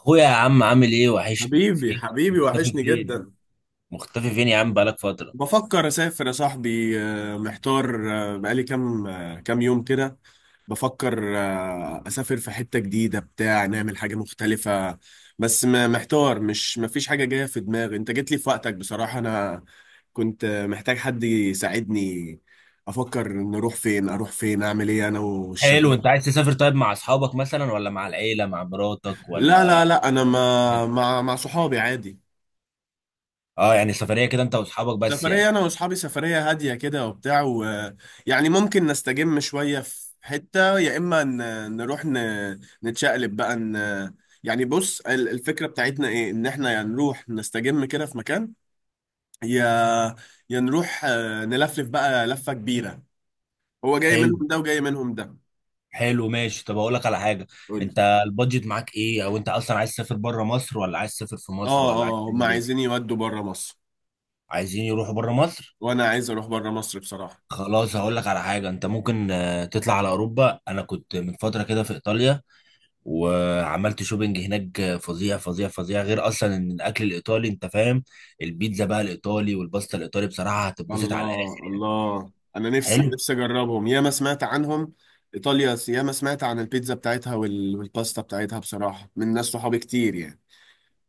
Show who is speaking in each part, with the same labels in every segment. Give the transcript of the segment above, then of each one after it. Speaker 1: اخويا يا عم، عامل ايه؟ وحشني.
Speaker 2: حبيبي
Speaker 1: فين؟
Speaker 2: حبيبي
Speaker 1: مختفي
Speaker 2: وحشني
Speaker 1: فين؟
Speaker 2: جدا.
Speaker 1: مختفي فين يا عم؟ بقالك فترة.
Speaker 2: بفكر اسافر يا صاحبي، محتار، بقالي كام، كام يوم كده. بفكر اسافر في حتة جديدة بتاع، نعمل حاجة مختلفة. بس محتار، مش مفيش حاجة جاية في دماغي. انت جيت لي في وقتك بصراحة. انا كنت محتاج حد يساعدني. افكر نروح فين، اروح فين، اعمل ايه انا
Speaker 1: حلو،
Speaker 2: والشباب.
Speaker 1: انت عايز تسافر؟ طيب، مع اصحابك مثلا، ولا مع العيلة، مع مراتك، ولا؟
Speaker 2: لا لا لا انا ما مع صحابي عادي.
Speaker 1: اه، يعني سفرية كده انت واصحابك بس يعني.
Speaker 2: سفرية أنا وأصحابي، سفرية هادية كده وبتاع يعني ممكن نستجم شوية في حتة، يا إما نروح نتشقلب بقى يعني بص الفكرة بتاعتنا إيه؟ إن إحنا يا نروح نستجم كده في مكان، يا يا نروح نلفلف بقى لفة كبيرة. هو جاي منهم
Speaker 1: حلو
Speaker 2: ده وجاي منهم ده.
Speaker 1: حلو، ماشي. طب اقول لك على حاجة.
Speaker 2: قولي.
Speaker 1: انت البادجت معاك ايه؟ او انت اصلا عايز تسافر بره مصر، ولا عايز تسافر في مصر،
Speaker 2: آه
Speaker 1: ولا عايز
Speaker 2: آه، هما
Speaker 1: تعمل
Speaker 2: عايزين
Speaker 1: ايه؟
Speaker 2: يودوا بره مصر،
Speaker 1: عايزين يروحوا بره مصر؟
Speaker 2: وأنا عايز أروح بره مصر بصراحة.
Speaker 1: خلاص، هقول لك على حاجة. انت ممكن تطلع على اوروبا. انا كنت من فترة كده في ايطاليا، وعملت شوبينج هناك فظيع فظيع فظيع، غير اصلا ان الاكل الايطالي انت فاهم. البيتزا بقى الايطالي والباستا الايطالي بصراحه هتتبسط على
Speaker 2: الله
Speaker 1: الاخر.
Speaker 2: الله، انا نفسي
Speaker 1: حلو،
Speaker 2: نفسي اجربهم، ياما سمعت عنهم. ايطاليا ياما سمعت عن البيتزا بتاعتها والباستا بتاعتها بصراحه، من ناس صحابي كتير يعني.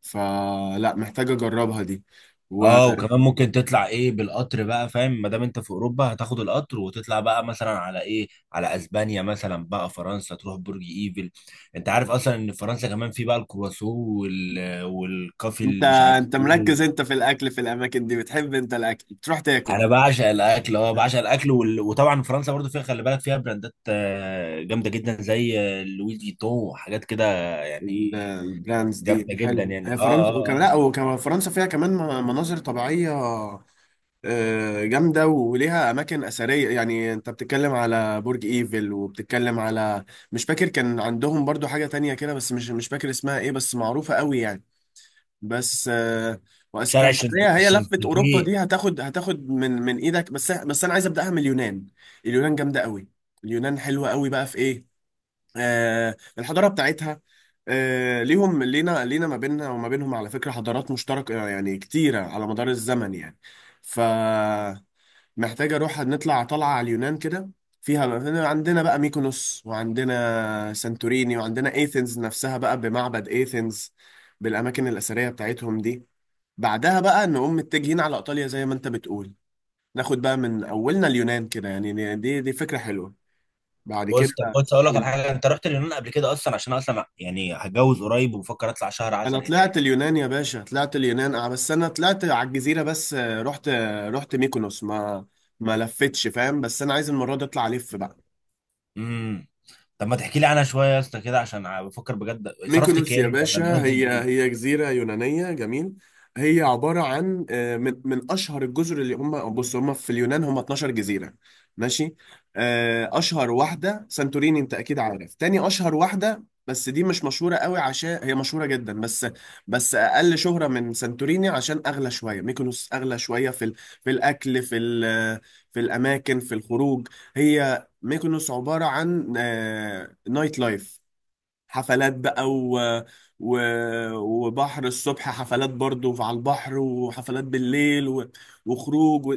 Speaker 2: فلا محتاج اجربها دي. وانت؟
Speaker 1: اه. وكمان ممكن تطلع ايه بالقطر بقى فاهم، ما دام انت في اوروبا هتاخد القطر وتطلع بقى مثلا على ايه، على اسبانيا مثلا، بقى فرنسا تروح برج ايفل. انت عارف اصلا ان في فرنسا كمان في بقى الكرواسون والكافي اللي مش عارف
Speaker 2: انت مركز
Speaker 1: ايه.
Speaker 2: انت في الاكل، في الاماكن دي بتحب انت الاكل، بتروح تاكل.
Speaker 1: انا بعشق الاكل، اه بعشق الاكل، وطبعا فرنسا برضو فيها، خلي بالك فيها براندات جامده جدا زي لوي فيتون وحاجات كده يعني.
Speaker 2: البراندز دي
Speaker 1: جامده جدا
Speaker 2: حلو.
Speaker 1: يعني،
Speaker 2: هي
Speaker 1: اه اه
Speaker 2: فرنسا وكمان، لا
Speaker 1: اه.
Speaker 2: وكمان فرنسا فيها كمان مناظر طبيعيه جامدة، وليها أماكن أثرية. يعني أنت بتتكلم على برج إيفل وبتتكلم على، مش فاكر كان عندهم برضو حاجة تانية كده، بس مش فاكر اسمها إيه، بس معروفة قوي يعني. بس
Speaker 1: شارع
Speaker 2: وأسبانيا، هي هي لفة أوروبا
Speaker 1: الشانزليزيه.
Speaker 2: دي هتاخد، من إيدك. بس بس أنا عايز أبدأها من اليونان. اليونان جامدة قوي. اليونان حلوة قوي بقى، في إيه؟ الحضارة بتاعتها. ليهم لينا، لينا ما بيننا وما بينهم على فكرة حضارات مشتركة يعني، كتيرة على مدار الزمن يعني. ف محتاج اروح، نطلع طلعه على اليونان كده. فيها هنا عندنا بقى ميكونوس، وعندنا سانتوريني، وعندنا ايثنز نفسها بقى، بمعبد ايثنز، بالاماكن الاثريه بتاعتهم دي. بعدها بقى نقوم متجهين على ايطاليا زي ما انت بتقول. ناخد بقى من اولنا اليونان كده يعني. دي فكره حلوه. بعد كده،
Speaker 1: بص، طب بص، اقول لك على حاجه. انت رحت اليونان قبل كده اصلا؟ عشان أنا اصلا يعني هتجوز قريب، وبفكر اطلع شهر
Speaker 2: انا
Speaker 1: عسل هناك.
Speaker 2: طلعت اليونان يا باشا، طلعت اليونان اه. بس انا طلعت على الجزيره بس، رحت، رحت ميكونوس، ما ما لفتش فاهم. بس انا عايز المره دي اطلع الف بقى.
Speaker 1: امم طب ما تحكي لي عنها شويه يا اسطى كده، عشان بفكر بجد. صرفت
Speaker 2: ميكونوس يا
Speaker 1: كام ولا
Speaker 2: باشا،
Speaker 1: البادجت
Speaker 2: هي
Speaker 1: إيه؟
Speaker 2: هي جزيرة يونانية جميل. هي عبارة عن من من أشهر الجزر اللي هم، بص هم في اليونان هم 12 جزيرة. ماشي. أشهر واحدة سانتوريني، أنت أكيد عارف. تاني أشهر واحدة بس دي مش مشهورة قوي، عشان هي مشهورة جدا بس، بس أقل شهرة من سانتوريني، عشان أغلى شوية. ميكونوس أغلى شوية في في الأكل، في في الأماكن، في الخروج. هي ميكونوس عبارة عن نايت لايف، حفلات بقى و... وبحر الصبح، حفلات برضو على البحر، وحفلات بالليل وخروج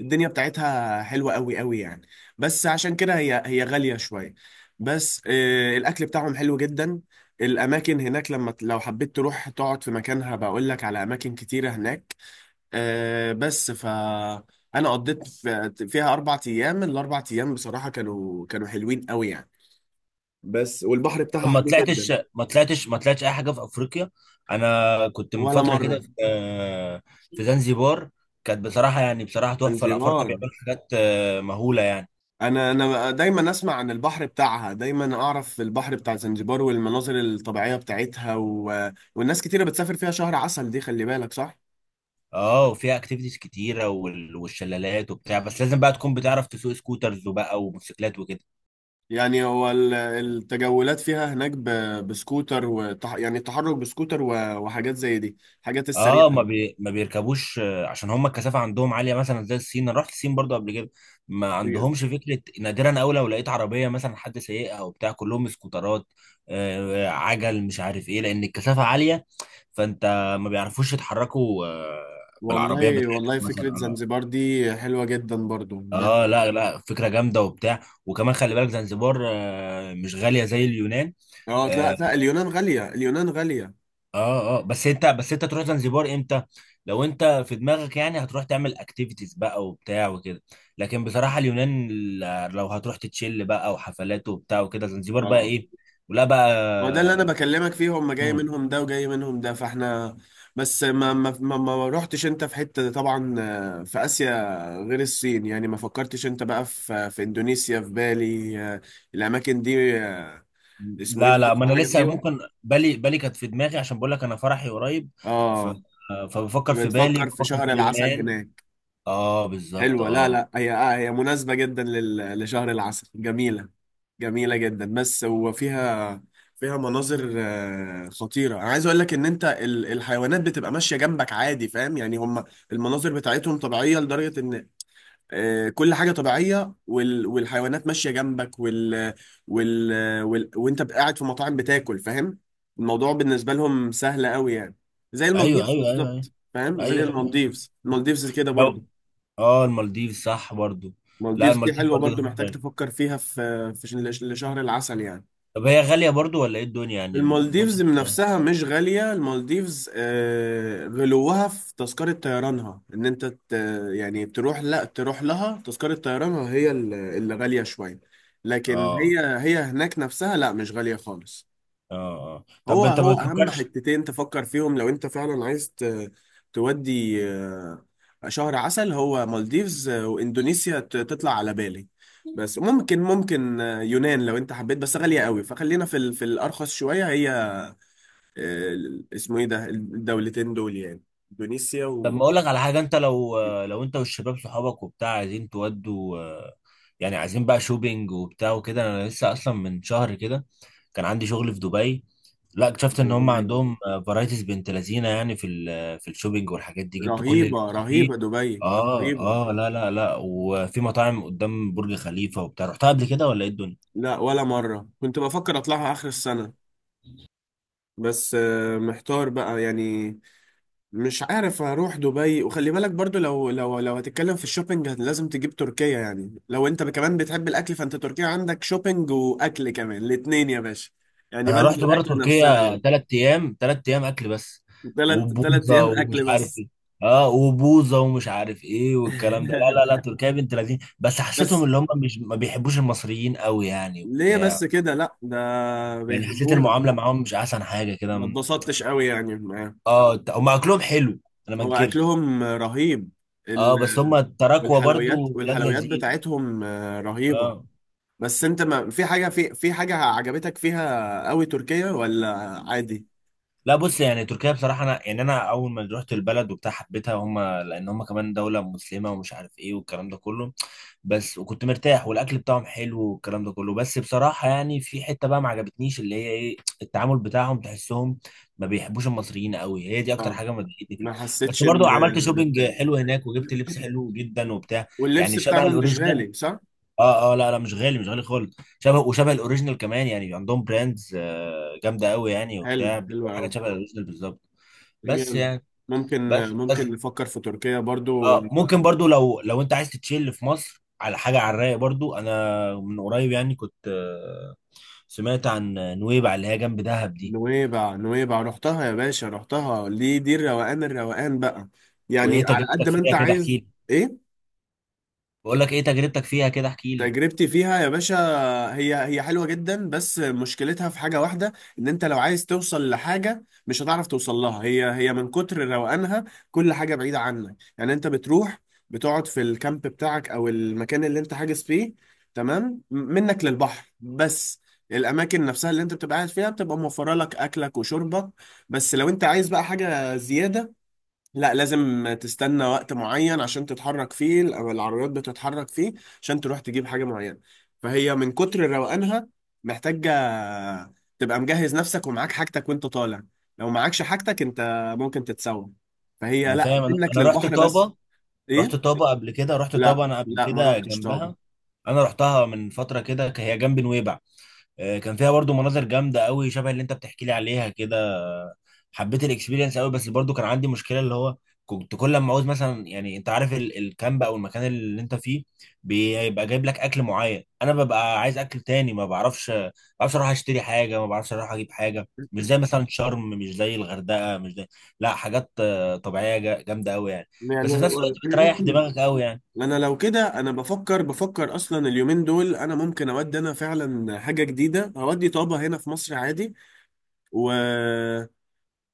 Speaker 2: الدنيا بتاعتها حلوة قوي قوي يعني، بس عشان كده هي هي غالية شوية. بس آه، الأكل بتاعهم حلو جدا. الأماكن هناك، لما لو حبيت تروح تقعد في مكانها، بقول لك على أماكن كتيرة هناك. آه بس ف أنا قضيت فيها أربع أيام. الأربع أيام بصراحة كانوا حلوين قوي يعني. بس والبحر
Speaker 1: طب
Speaker 2: بتاعها
Speaker 1: ما
Speaker 2: حلو
Speaker 1: طلعتش
Speaker 2: جدا.
Speaker 1: ما طلعتش ما طلعتش اي حاجه في افريقيا؟ انا كنت من
Speaker 2: ولا
Speaker 1: فتره كده
Speaker 2: مرة.
Speaker 1: في زنزبار. كانت بصراحه، يعني بصراحه تحفه. الافارقه
Speaker 2: زنجبار.
Speaker 1: بيعملوا حاجات مهوله يعني.
Speaker 2: انا انا دايما اسمع عن البحر بتاعها، دايما اعرف البحر بتاع زنجبار والمناظر الطبيعية بتاعتها والناس كتيرة بتسافر فيها شهر عسل، دي خلي بالك صح.
Speaker 1: اه، وفيها اكتيفيتيز كتيره والشلالات وبتاع، بس لازم بقى تكون بتعرف تسوق سكوترز وبقى وموتوسيكلات وكده.
Speaker 2: يعني هو التجولات فيها هناك بسكوتر يعني التحرك بسكوتر وحاجات زي دي، حاجات السريعة
Speaker 1: اه، ما بيركبوش عشان هم الكثافه عندهم عاليه، مثلا زي الصين. انا رحت الصين برضو قبل كده، ما
Speaker 2: دي.
Speaker 1: عندهمش فكره، نادرا أوي لو لقيت عربيه مثلا حد سايقها وبتاع، كلهم سكوترات. عجل مش عارف ايه، لان الكثافه عاليه، فانت ما بيعرفوش يتحركوا بالعربيات
Speaker 2: والله
Speaker 1: بتاعتهم
Speaker 2: والله
Speaker 1: مثلا،
Speaker 2: فكرة
Speaker 1: اه.
Speaker 2: زنجبار دي حلوة جدا برضو. بس
Speaker 1: اه لا لا، فكره جامده وبتاع. وكمان خلي بالك زنزبار مش غاليه زي اليونان.
Speaker 2: اه، لا
Speaker 1: آه،
Speaker 2: لا، اليونان غالية، اليونان غالية.
Speaker 1: اه اه، بس انت، بس انت تروح زنزبار امتى؟ لو انت في دماغك يعني هتروح تعمل اكتيفيتيز بقى وبتاع وكده. لكن بصراحة اليونان، لو هتروح تتشيل بقى وحفلات وبتاع وكده، زنزبار بقى
Speaker 2: اه
Speaker 1: ايه؟ ولا بقى.
Speaker 2: ما هو ده اللي انا بكلمك فيه، هم جاي
Speaker 1: مم.
Speaker 2: منهم ده وجاي منهم ده فاحنا. بس ما رحتش انت في حتة طبعا في آسيا غير الصين؟ يعني ما فكرتش انت بقى في اندونيسيا، في بالي، الاماكن دي، اسمه ايه
Speaker 1: لا
Speaker 2: ده؟
Speaker 1: لا، ما انا
Speaker 2: رحت حاجة
Speaker 1: لسه
Speaker 2: فيهم؟
Speaker 1: ممكن. بالي كانت في دماغي، عشان بقول لك انا فرحي قريب. ف...
Speaker 2: اه،
Speaker 1: آه، فبفكر في بالي،
Speaker 2: بتفكر في
Speaker 1: بفكر في
Speaker 2: شهر العسل
Speaker 1: اليونان.
Speaker 2: هناك.
Speaker 1: اه بالظبط
Speaker 2: حلوة، لا
Speaker 1: اه.
Speaker 2: لا هي آه، هي مناسبة جدا لشهر العسل، جميلة، جميلة جدا. بس وفيها، فيها مناظر خطيرة. أنا عايز أقول لك إن أنت الحيوانات بتبقى ماشية جنبك عادي، فاهم يعني؟ هم المناظر بتاعتهم طبيعية لدرجة إن كل حاجة طبيعية والحيوانات ماشية جنبك وال... وال... وأنت قاعد في مطاعم بتاكل، فاهم؟ الموضوع بالنسبة لهم سهل قوي يعني. زي
Speaker 1: ايوه
Speaker 2: المالديفز
Speaker 1: ايوه ايوه ايوه
Speaker 2: بالظبط فاهم؟
Speaker 1: ايوه،
Speaker 2: زي
Speaker 1: أيوة. أيوة.
Speaker 2: المالديفز، المالديفز كده
Speaker 1: لو،
Speaker 2: برضه.
Speaker 1: اه المالديف صح برضو. لا،
Speaker 2: المالديفز دي
Speaker 1: المالديف
Speaker 2: حلوة
Speaker 1: برضو
Speaker 2: برضو،
Speaker 1: في
Speaker 2: محتاج
Speaker 1: دماغي.
Speaker 2: تفكر فيها، لشهر العسل يعني.
Speaker 1: طب هي غالية برضو ولا ايه الدنيا، يعني البودجت
Speaker 2: المالديفز من
Speaker 1: بتاعها؟
Speaker 2: نفسها مش غالية. المالديفز غلوها في تذكرة طيرانها. ان انت يعني تروح، لا تروح لها تذكرة طيرانها هي اللي غالية شوية. لكن
Speaker 1: اه
Speaker 2: هي هي هناك نفسها لا مش غالية خالص.
Speaker 1: اه اه.
Speaker 2: هو
Speaker 1: طب انت ما
Speaker 2: هو اهم
Speaker 1: بتفكرش؟
Speaker 2: حتتين تفكر فيهم لو انت فعلا عايز تودي شهر عسل، هو مالديفز واندونيسيا، تطلع على بالي. بس ممكن ممكن يونان لو انت حبيت، بس غالية قوي، فخلينا في في الارخص شوية. هي آه، اسمه ايه ده، الدولتين دول يعني، اندونيسيا
Speaker 1: طب ما
Speaker 2: و
Speaker 1: اقول لك على حاجة. انت لو انت والشباب صحابك وبتاع عايزين تودوا يعني عايزين بقى شوبينج وبتاع وكده، انا لسه اصلا من شهر كده كان عندي شغل في دبي. لا، اكتشفت ان هم
Speaker 2: دبي.
Speaker 1: عندهم فرايتيز بنت لذينه، يعني في الشوبينج والحاجات دي جبت كل اللي
Speaker 2: رهيبة
Speaker 1: فيه.
Speaker 2: رهيبة دبي،
Speaker 1: اه
Speaker 2: رهيبة.
Speaker 1: اه لا لا لا، وفي مطاعم قدام برج خليفة وبتاع. رحتها قبل كده ولا ايه الدنيا؟
Speaker 2: لا ولا مرة، كنت بفكر اطلعها اخر السنة، بس محتار بقى يعني، مش عارف اروح دبي. وخلي بالك برضو، لو لو لو هتتكلم في الشوبينج لازم تجيب تركيا. يعني لو انت كمان بتحب الاكل، فانت تركيا عندك شوبينج واكل كمان، الاتنين يا باشا. يعني
Speaker 1: انا
Speaker 2: بلد
Speaker 1: رحت بره
Speaker 2: الاكل نفسها
Speaker 1: تركيا
Speaker 2: يعني.
Speaker 1: 3 ايام، 3 ايام اكل بس
Speaker 2: تلات
Speaker 1: وبوظه
Speaker 2: ايام
Speaker 1: ومش
Speaker 2: اكل
Speaker 1: عارف
Speaker 2: بس؟
Speaker 1: ايه. اه وبوظه ومش عارف ايه والكلام ده. لا لا لا، تركيا بنت لذين، بس حسيتهم
Speaker 2: بس
Speaker 1: اللي هم مش ما بيحبوش المصريين قوي يعني
Speaker 2: ليه
Speaker 1: وبتاع.
Speaker 2: بس كده؟ لا ده
Speaker 1: يعني حسيت
Speaker 2: بيحبونا.
Speaker 1: المعامله معاهم مش احسن حاجه كده.
Speaker 2: ما اتبسطتش قوي يعني معاه.
Speaker 1: اه، هم اكلهم حلو، انا ما
Speaker 2: هو
Speaker 1: انكرش.
Speaker 2: اكلهم رهيب. ال-
Speaker 1: اه، بس هم التراكوة برضو
Speaker 2: والحلويات،
Speaker 1: ولاد
Speaker 2: والحلويات
Speaker 1: لذين.
Speaker 2: بتاعتهم رهيبة.
Speaker 1: اه
Speaker 2: بس انت ما في حاجة، في في حاجة عجبتك فيها قوي تركيا ولا عادي؟
Speaker 1: لا، بص، يعني تركيا بصراحة، أنا يعني أنا أول ما رحت البلد وبتاع حبيتها، هم لأن هم كمان دولة مسلمة، ومش عارف إيه والكلام ده كله. بس، وكنت مرتاح والأكل بتاعهم حلو والكلام ده كله، بس بصراحة يعني في حتة بقى ما عجبتنيش، اللي هي إيه، التعامل بتاعهم، تحسهم ما بيحبوش المصريين قوي. هي دي أكتر
Speaker 2: اه،
Speaker 1: حاجة ما ضايقتني فيهم.
Speaker 2: ما
Speaker 1: بس
Speaker 2: حسيتش
Speaker 1: برضو
Speaker 2: ان،
Speaker 1: عملت
Speaker 2: إن
Speaker 1: شوبينج
Speaker 2: بتاع.
Speaker 1: حلو هناك وجبت لبس حلو جدا وبتاع،
Speaker 2: واللبس
Speaker 1: يعني شبه
Speaker 2: بتاعهم مش
Speaker 1: الأوريجينال.
Speaker 2: غالي صح؟
Speaker 1: اه اه لا لا، مش غالي، مش غالي خالص، شبه الاوريجينال كمان، يعني عندهم براندز جامده قوي يعني
Speaker 2: حلو،
Speaker 1: وبتاع،
Speaker 2: حلو
Speaker 1: بتبقى حاجه
Speaker 2: قوي،
Speaker 1: شبه الاوريجينال بالظبط. بس
Speaker 2: جامد.
Speaker 1: يعني،
Speaker 2: ممكن
Speaker 1: بس
Speaker 2: ممكن نفكر في تركيا برضو.
Speaker 1: اه ممكن برضو، لو انت عايز تتشيل في مصر على حاجه على الرايق، برضو انا من قريب يعني كنت سمعت عن نويبع، اللي هي جنب دهب دي.
Speaker 2: نويبع، نويبع رحتها يا باشا، رحتها. دي دي الروقان، الروقان بقى،
Speaker 1: وايه
Speaker 2: يعني على قد
Speaker 1: تجربتك
Speaker 2: ما
Speaker 1: فيها
Speaker 2: انت
Speaker 1: كده؟ احكي
Speaker 2: عايز.
Speaker 1: لي.
Speaker 2: ايه؟
Speaker 1: بقول لك، ايه تجربتك فيها كده؟ احكي لي.
Speaker 2: تجربتي فيها يا باشا، هي هي حلوة جدا، بس مشكلتها في حاجة واحدة. ان انت لو عايز توصل لحاجة مش هتعرف توصل لها، هي هي من كتر روقانها. كل حاجة بعيدة عنك، يعني انت بتروح بتقعد في الكامب بتاعك او المكان اللي انت حاجز فيه، تمام، منك للبحر بس. الاماكن نفسها اللي انت بتبقى قاعد فيها بتبقى موفرة لك اكلك وشربك بس. لو انت عايز بقى حاجة زيادة، لا، لازم تستنى وقت معين عشان تتحرك فيه، او العربيات بتتحرك فيه، عشان تروح تجيب حاجة معينة. فهي من كتر روقانها، محتاجة تبقى مجهز نفسك ومعاك حاجتك وانت طالع. لو معاكش حاجتك انت ممكن تتسوق. فهي
Speaker 1: انا
Speaker 2: لا
Speaker 1: فاهم. انا
Speaker 2: منك
Speaker 1: انا رحت
Speaker 2: للبحر بس.
Speaker 1: طابه. رحت
Speaker 2: ايه؟
Speaker 1: طابه قبل كده رحت
Speaker 2: لا
Speaker 1: طابه انا قبل
Speaker 2: لا ما
Speaker 1: كده
Speaker 2: روحتش طابة.
Speaker 1: جنبها. انا رحتها من فتره كده، هي جنب نويبع. كان فيها برضو مناظر جامده قوي، شبه اللي انت بتحكي لي عليها كده. حبيت الاكسبيرينس قوي، بس برضو كان عندي مشكله، اللي هو كنت كل ما عاوز مثلا، يعني انت عارف الكامب او المكان اللي انت فيه بيبقى جايب لك اكل معين، انا ببقى عايز اكل تاني، ما بعرفش ما بعرفش اروح اشتري حاجه، ما بعرفش اروح اجيب حاجه، مش زي مثلا شرم، مش زي الغردقه، مش زي، لا حاجات طبيعيه، جامده قوي يعني.
Speaker 2: يعني
Speaker 1: بس في نفس الوقت
Speaker 2: هو،
Speaker 1: بتريح دماغك قوي يعني.
Speaker 2: انا لو كده، انا بفكر اصلا اليومين دول، انا ممكن اودي، انا فعلا حاجه جديده، اودي طابه هنا في مصر عادي. و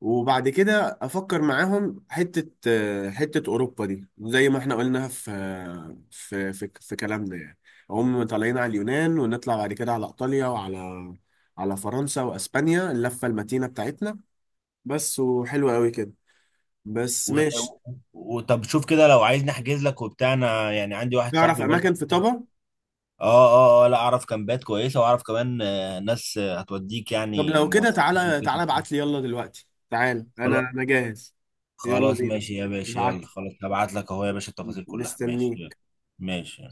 Speaker 2: وبعد كده افكر معاهم حته حته اوروبا دي، زي ما احنا قلنا في، في كلامنا يعني. هم طالعين على اليونان، ونطلع بعد كده على ايطاليا، وعلى على فرنسا واسبانيا، اللفه المتينه بتاعتنا. بس وحلوه قوي كده، بس
Speaker 1: و...
Speaker 2: ماشي.
Speaker 1: طب شوف كده، لو عايز نحجز لك وبتاع، انا يعني عندي واحد
Speaker 2: نعرف
Speaker 1: صاحبي برضو.
Speaker 2: اماكن في طبع.
Speaker 1: اه اه اه لا، اعرف كامبات كويسه، واعرف كمان ناس هتوديك
Speaker 2: طب
Speaker 1: يعني
Speaker 2: لو كده
Speaker 1: المواصلات
Speaker 2: تعالى
Speaker 1: وكده.
Speaker 2: تعالى، ابعت لي يلا دلوقتي، تعالى انا
Speaker 1: خلاص،
Speaker 2: انا جاهز. يلا
Speaker 1: خلاص
Speaker 2: بينا،
Speaker 1: ماشي يا باشا.
Speaker 2: ابعت
Speaker 1: يلا، خلاص هبعت لك اهو يا باشا
Speaker 2: لي
Speaker 1: التفاصيل كلها. ماشي يلا.
Speaker 2: مستنيك.
Speaker 1: ماشي.